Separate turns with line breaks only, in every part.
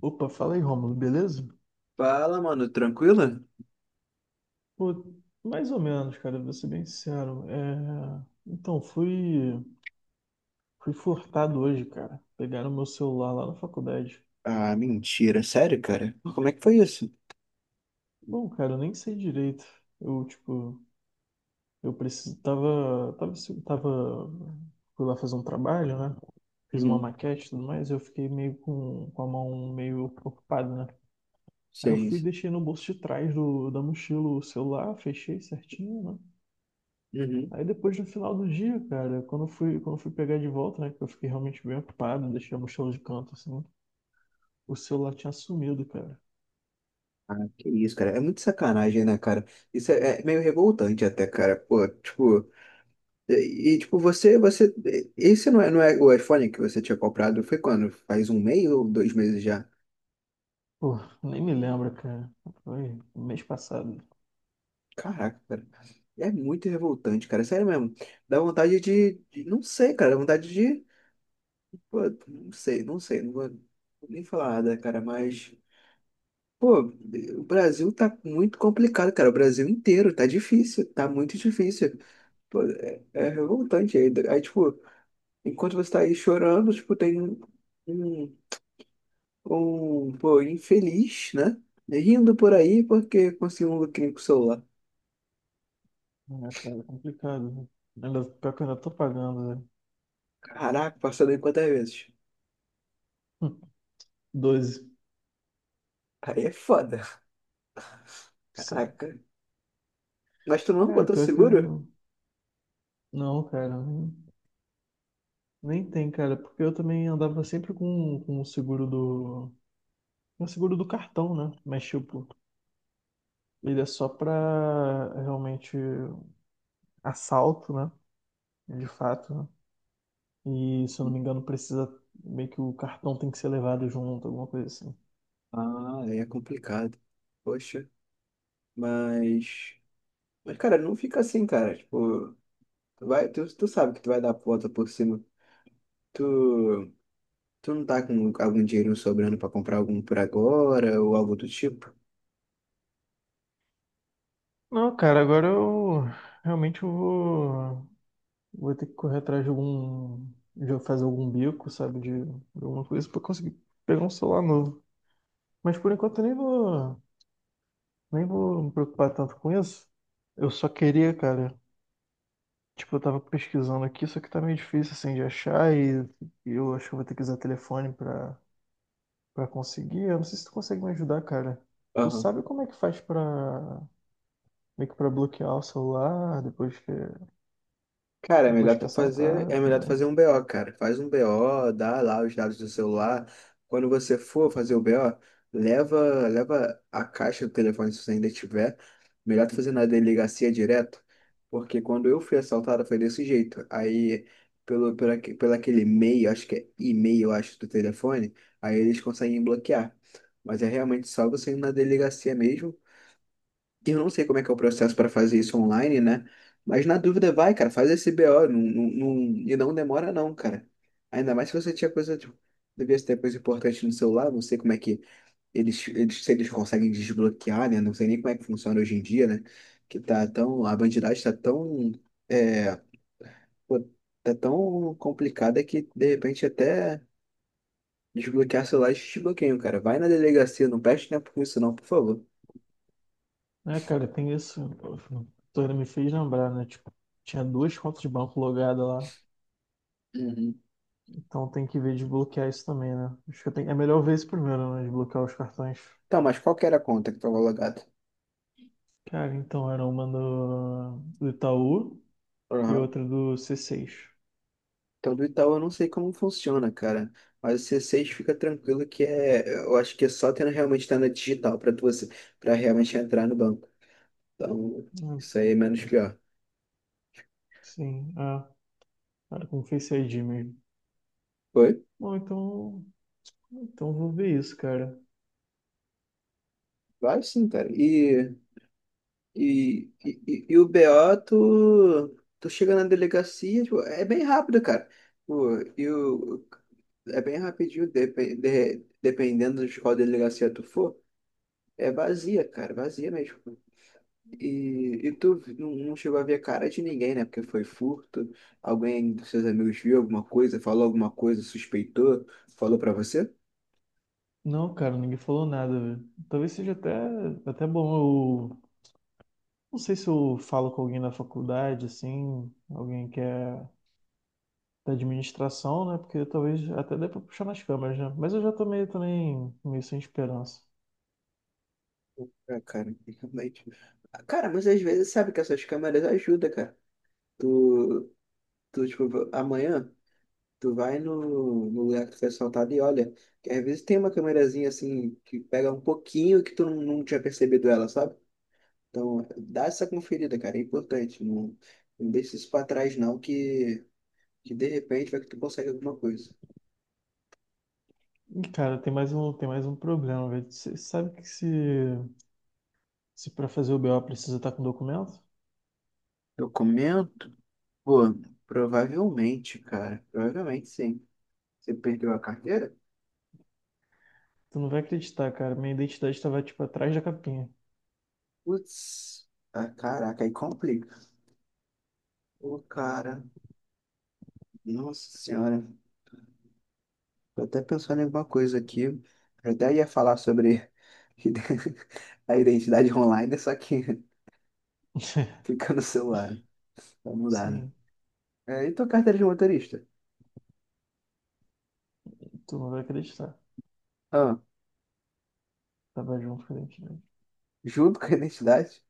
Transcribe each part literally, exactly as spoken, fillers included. Opa, fala aí, Rômulo, beleza?
Fala, mano, tranquilo?
Pô, mais ou menos, cara, vou ser bem sincero. É... Então, fui... fui furtado hoje, cara. Pegaram meu celular lá na faculdade.
Ah, mentira, sério, cara? Como é que foi isso?
Bom, cara, eu nem sei direito. Eu, tipo, eu preciso... Tava... Tava... Tava... Fui lá fazer um trabalho, né? Fiz uma
Uhum.
maquete e tudo mais, eu fiquei meio com, com a mão meio ocupada, né? Aí eu fui e
Seis.
deixei no bolso de trás do... da mochila o celular, fechei certinho, né?
Uhum.
Aí depois, no final do dia, cara, quando eu fui, quando eu fui pegar de volta, né, que eu fiquei realmente bem ocupado, deixei a mochila de canto, assim, o celular tinha sumido, cara.
Ah, que isso, cara. É muito sacanagem, né, cara? Isso é, é meio revoltante até, cara. Pô, tipo, e, e, tipo, você, você, esse não é, não é o iPhone que você tinha comprado? Foi quando? Faz um mês ou dois meses já?
Pô, nem me lembro, cara. Foi mês passado.
Caraca, cara. É muito revoltante, cara. Sério mesmo. Dá vontade de, de- não sei, cara. Dá vontade de, pô, não sei, não sei. Não vou nem falar nada, cara, mas. Pô, o Brasil tá muito complicado, cara. O Brasil inteiro tá difícil, tá muito difícil. Pô, é, é revoltante. Aí, aí, tipo, enquanto você tá aí chorando, tipo, tem um, um, um, pô, infeliz, né? Rindo por aí porque conseguiu um lucrinho com o celular.
É, cara, é complicado, né? Ainda, pior que eu ainda tô pagando, né?
Caraca, passou daí quantas vezes?
doze.
Aí é foda.
Sim.
Caraca. Mas tu não
Cara,
botou
pior que
seguro?
eu... Não, cara, nem, nem tem, cara, porque eu também andava sempre com, com o seguro do... com o seguro do cartão, né? Mas, tipo, ele é só pra realmente assalto, né? De fato, né? E se eu não me engano, precisa meio que o cartão tem que ser levado junto, alguma coisa assim.
Ah, aí é complicado. Poxa, mas. Mas, cara, não fica assim, cara. Tipo. Tu vai, tu, tu sabe que tu vai dar a volta por cima. Tu, tu não tá com algum dinheiro sobrando pra comprar algum por agora ou algo do tipo?
Não, cara, agora eu realmente eu vou, vou ter que correr atrás de algum, de fazer algum bico, sabe, de, de alguma coisa pra conseguir pegar um celular novo. Mas por enquanto eu nem vou, nem vou me preocupar tanto com isso. Eu só queria, cara, tipo, eu tava pesquisando aqui, só que tá meio difícil assim de achar e, e eu acho que eu vou ter que usar telefone pra pra conseguir. Eu não sei se tu consegue me ajudar, cara. Tu sabe como é que faz pra, meio que pra bloquear o celular depois que,
Cara, é
depois
melhor
que é
tu fazer,
assaltado, e
é
tudo
melhor tu
mais?
fazer um B O, cara. Faz um B O, dá lá os dados do celular. Quando você for fazer o B O, leva, leva a caixa do telefone se você ainda tiver. Melhor tu fazer na delegacia direto, porque quando eu fui assaltado foi desse jeito. Aí, pelo, pelo, aque- pelo aquele e-mail, acho que é e-mail, acho, do telefone, aí eles conseguem bloquear. Mas é realmente só você ir na delegacia mesmo. Eu não sei como é que é o processo para fazer isso online, né? Mas na dúvida, vai, cara, faz esse B O. Não, não- não- e não demora, não, cara. Ainda mais se você tinha coisa. Tipo, devia ter coisa importante no celular. Não sei como é que eles, eles, se eles conseguem desbloquear, né? Não sei nem como é que funciona hoje em dia, né? Que tá tão. A bandidagem tá tão. É, pô, tá tão complicada que, de repente, até desbloquear celular eles desbloqueiam, cara. Vai na delegacia, não perde tempo com isso, não, por favor.
É, cara, tem isso. Tu ainda me fez lembrar, né? Tipo, tinha duas contas de banco logadas lá.
Uhum.
Então tem que ver de bloquear isso também, né? Acho que eu tenho- é melhor ver isso primeiro, né? De bloquear os cartões.
Então, mas qual que era a conta que estava logada?
Cara, então era uma do, do Itaú e
Aham.
outra do C seis.
Então, do Itaú eu não sei como funciona, cara. Mas o C seis fica tranquilo que é. Eu acho que é só tendo realmente estar na digital pra tu, para realmente entrar no banco. Então,
Hum.
isso aí é menos pior.
Sim, ah, era com Face I D mesmo.
Foi?
Bom, então Então vou ver isso, cara.
Vai sim, cara. E, e, e, e- e o B O, tu, tu chega na delegacia, tipo, é bem rápido, cara. Pô, e o, é bem rapidinho, depe- de- dependendo de qual delegacia tu for. É vazia, cara, vazia mesmo. E, e tu não, não chegou a ver a cara de ninguém, né? Porque foi furto. Alguém dos seus amigos viu alguma coisa, falou alguma coisa, suspeitou, falou pra você?
Não, cara, ninguém falou nada, velho. Talvez seja até, até bom eu. Não sei se eu falo com alguém da faculdade, assim, alguém que é da administração, né? Porque talvez até dê pra puxar nas câmeras, né? Mas eu já tô meio também meio sem esperança.
Ah, cara, realmente. Ah, cara, mas às vezes sabe que essas câmeras ajudam, cara. Tu, tu tipo, amanhã tu vai no, no lugar que foi assaltado e olha. Que às vezes tem uma câmerazinha assim que pega um pouquinho que tu não, não tinha percebido ela, sabe? Então, dá essa conferida, cara. É importante. Não, não deixa isso pra trás, não, que. Que de repente vai que tu consegue alguma coisa.
E, cara, tem mais um, tem mais um problema, velho. Você sabe que se, se pra fazer o B O precisa estar com documento?
Documento? Pô, provavelmente, cara. Provavelmente sim. Você perdeu a carteira?
Tu não vai acreditar, cara. Minha identidade tava, tipo, atrás da capinha.
Putz, ah, caraca, aí complica. Pô, cara, nossa senhora. Tô até pensando em alguma coisa aqui. Eu até ia falar sobre ide- a identidade online, só que fica no celular. Vai mudar, né?
Sim,
É, e tua carteira de motorista?
tu não vai acreditar.
Ah,
Tava junto com a identidade.
junto com a identidade?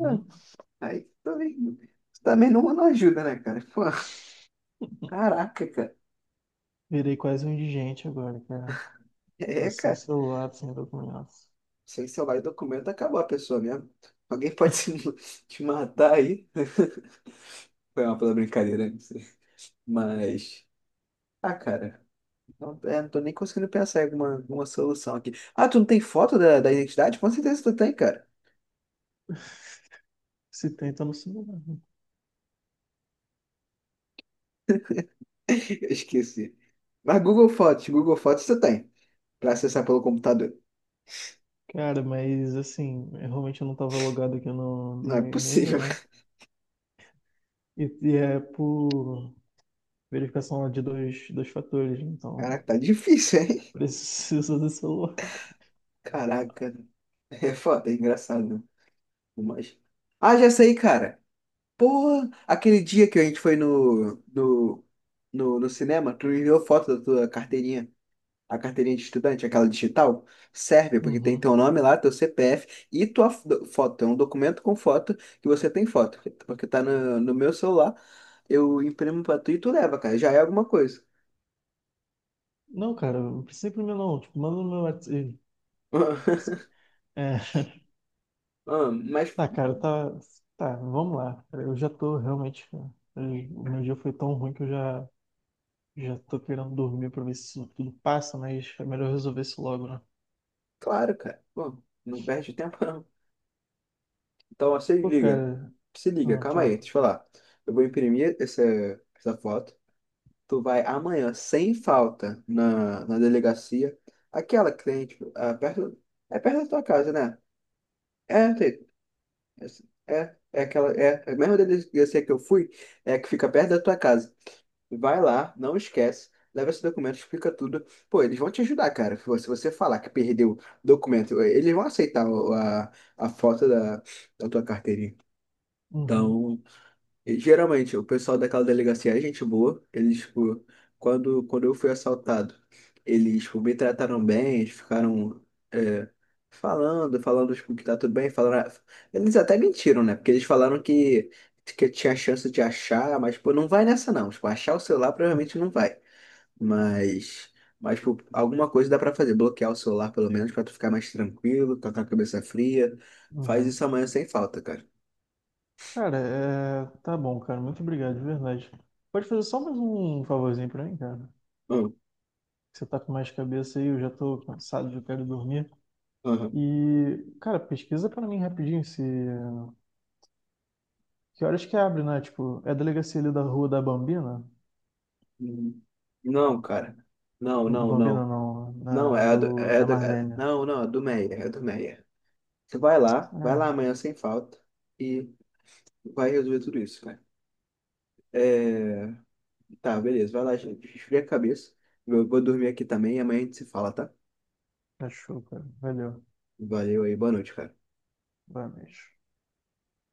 Ah, aí também, também não, não ajuda, né, cara? Pô. Caraca, cara.
Virei quase um indigente agora, cara. Tô
É,
sem
cara.
celular, sem documentos.
Sem salvar o documento, acabou a pessoa mesmo. Alguém pode se- te matar aí. Foi uma pela brincadeira, não sei. Mas. Ah, cara. Não, é, não tô nem conseguindo pensar em alguma, alguma solução aqui. Ah, tu não tem foto da, da identidade? Com certeza tu tem, cara.
Se tenta no celular.
Eu esqueci. Mas Google Fotos, Google Fotos tu tem. Pra acessar pelo computador.
Cara, mas assim, eu realmente eu não tava logado aqui no,
Não
no
é
meu e-mail,
possível.
né? E, e é por verificação de dois, dois fatores, então
Caraca, tá difícil, hein?
preciso do celular.
Caraca. É foda, é engraçado. Mas... Ah, já sei, cara. Porra, aquele dia que a gente foi no, no, no, no cinema, tu me enviou foto da tua carteirinha, a carteirinha de estudante, aquela digital, serve, porque tem
Uhum.
teu nome lá, teu C P F e tua fo- foto. É um documento com foto que você tem foto, porque tá no, no meu celular, eu imprimo pra tu e tu leva, cara, já é alguma coisa.
Não, cara, não precisa imprimir não. Tipo, manda no meu WhatsApp. Ih, esquece. É,
Ah, Mas,
tá, cara, tá. Tá, vamos lá. Cara, eu já tô realmente, cara, eu- o meu dia foi tão ruim que eu já, já tô querendo dormir pra ver se isso tudo passa, mas é melhor resolver isso logo, né?
claro, cara, pô, não perde tempo não. Então, ó, se
Pô,
liga,
cara,
se liga,
ah,
calma aí,
fala.
deixa eu falar. Eu vou imprimir essa, essa foto. Tu vai amanhã, sem falta, na, na delegacia. Aquela cliente, ah, perto, é perto da tua casa, né? É, tem- é, é aquela, é, é a mesma delegacia que eu fui, é a que fica perto da tua casa. Vai lá, não esquece, leva esse documento, explica tudo. Pô, eles vão te ajudar, cara. Se você se você falar que perdeu documento, eles vão aceitar o- a, a foto da, da tua carteirinha.
Uhum,
Então, e, geralmente, o pessoal daquela delegacia é gente boa. Eles, tipo, quando, quando eu fui assaltado, eles, tipo, me trataram bem, eles ficaram é, falando, falando, tipo, que tá tudo bem, falaram... Eles até mentiram, né? Porque eles falaram que, que tinha chance de achar, mas, tipo não vai nessa, não. Tipo, achar o celular provavelmente não vai. Mas, mas, tipo, alguma coisa dá pra fazer. Bloquear o celular, pelo menos, pra tu ficar mais tranquilo, tá com a cabeça fria. Faz
uhum.
isso amanhã sem falta, cara.
Cara, é... tá bom, cara. Muito obrigado, de verdade. Pode fazer só mais um favorzinho pra mim, cara?
Hum,
Você tá com mais cabeça aí, eu já tô cansado, já quero dormir.
aham.
E, cara, pesquisa pra mim rapidinho se... Que horas que abre, né? Tipo, é a delegacia ali da rua da Bambina?
Uhum. Não, cara. Não, não,
Bambina
não.
não,
Não,
na...
é a do,
do...
é a
da
do, é-
Marlene.
não, não, é do Meia, é do Meia. Você vai lá, vai lá
É,
amanhã sem falta e vai resolver tudo isso, cara. É, tá, beleza, vai lá, gente. Esfria a cabeça. Eu vou dormir aqui também e amanhã a gente se fala, tá?
achou, cara. Valeu.
Valeu aí, boa noite, cara.
Vai mesmo.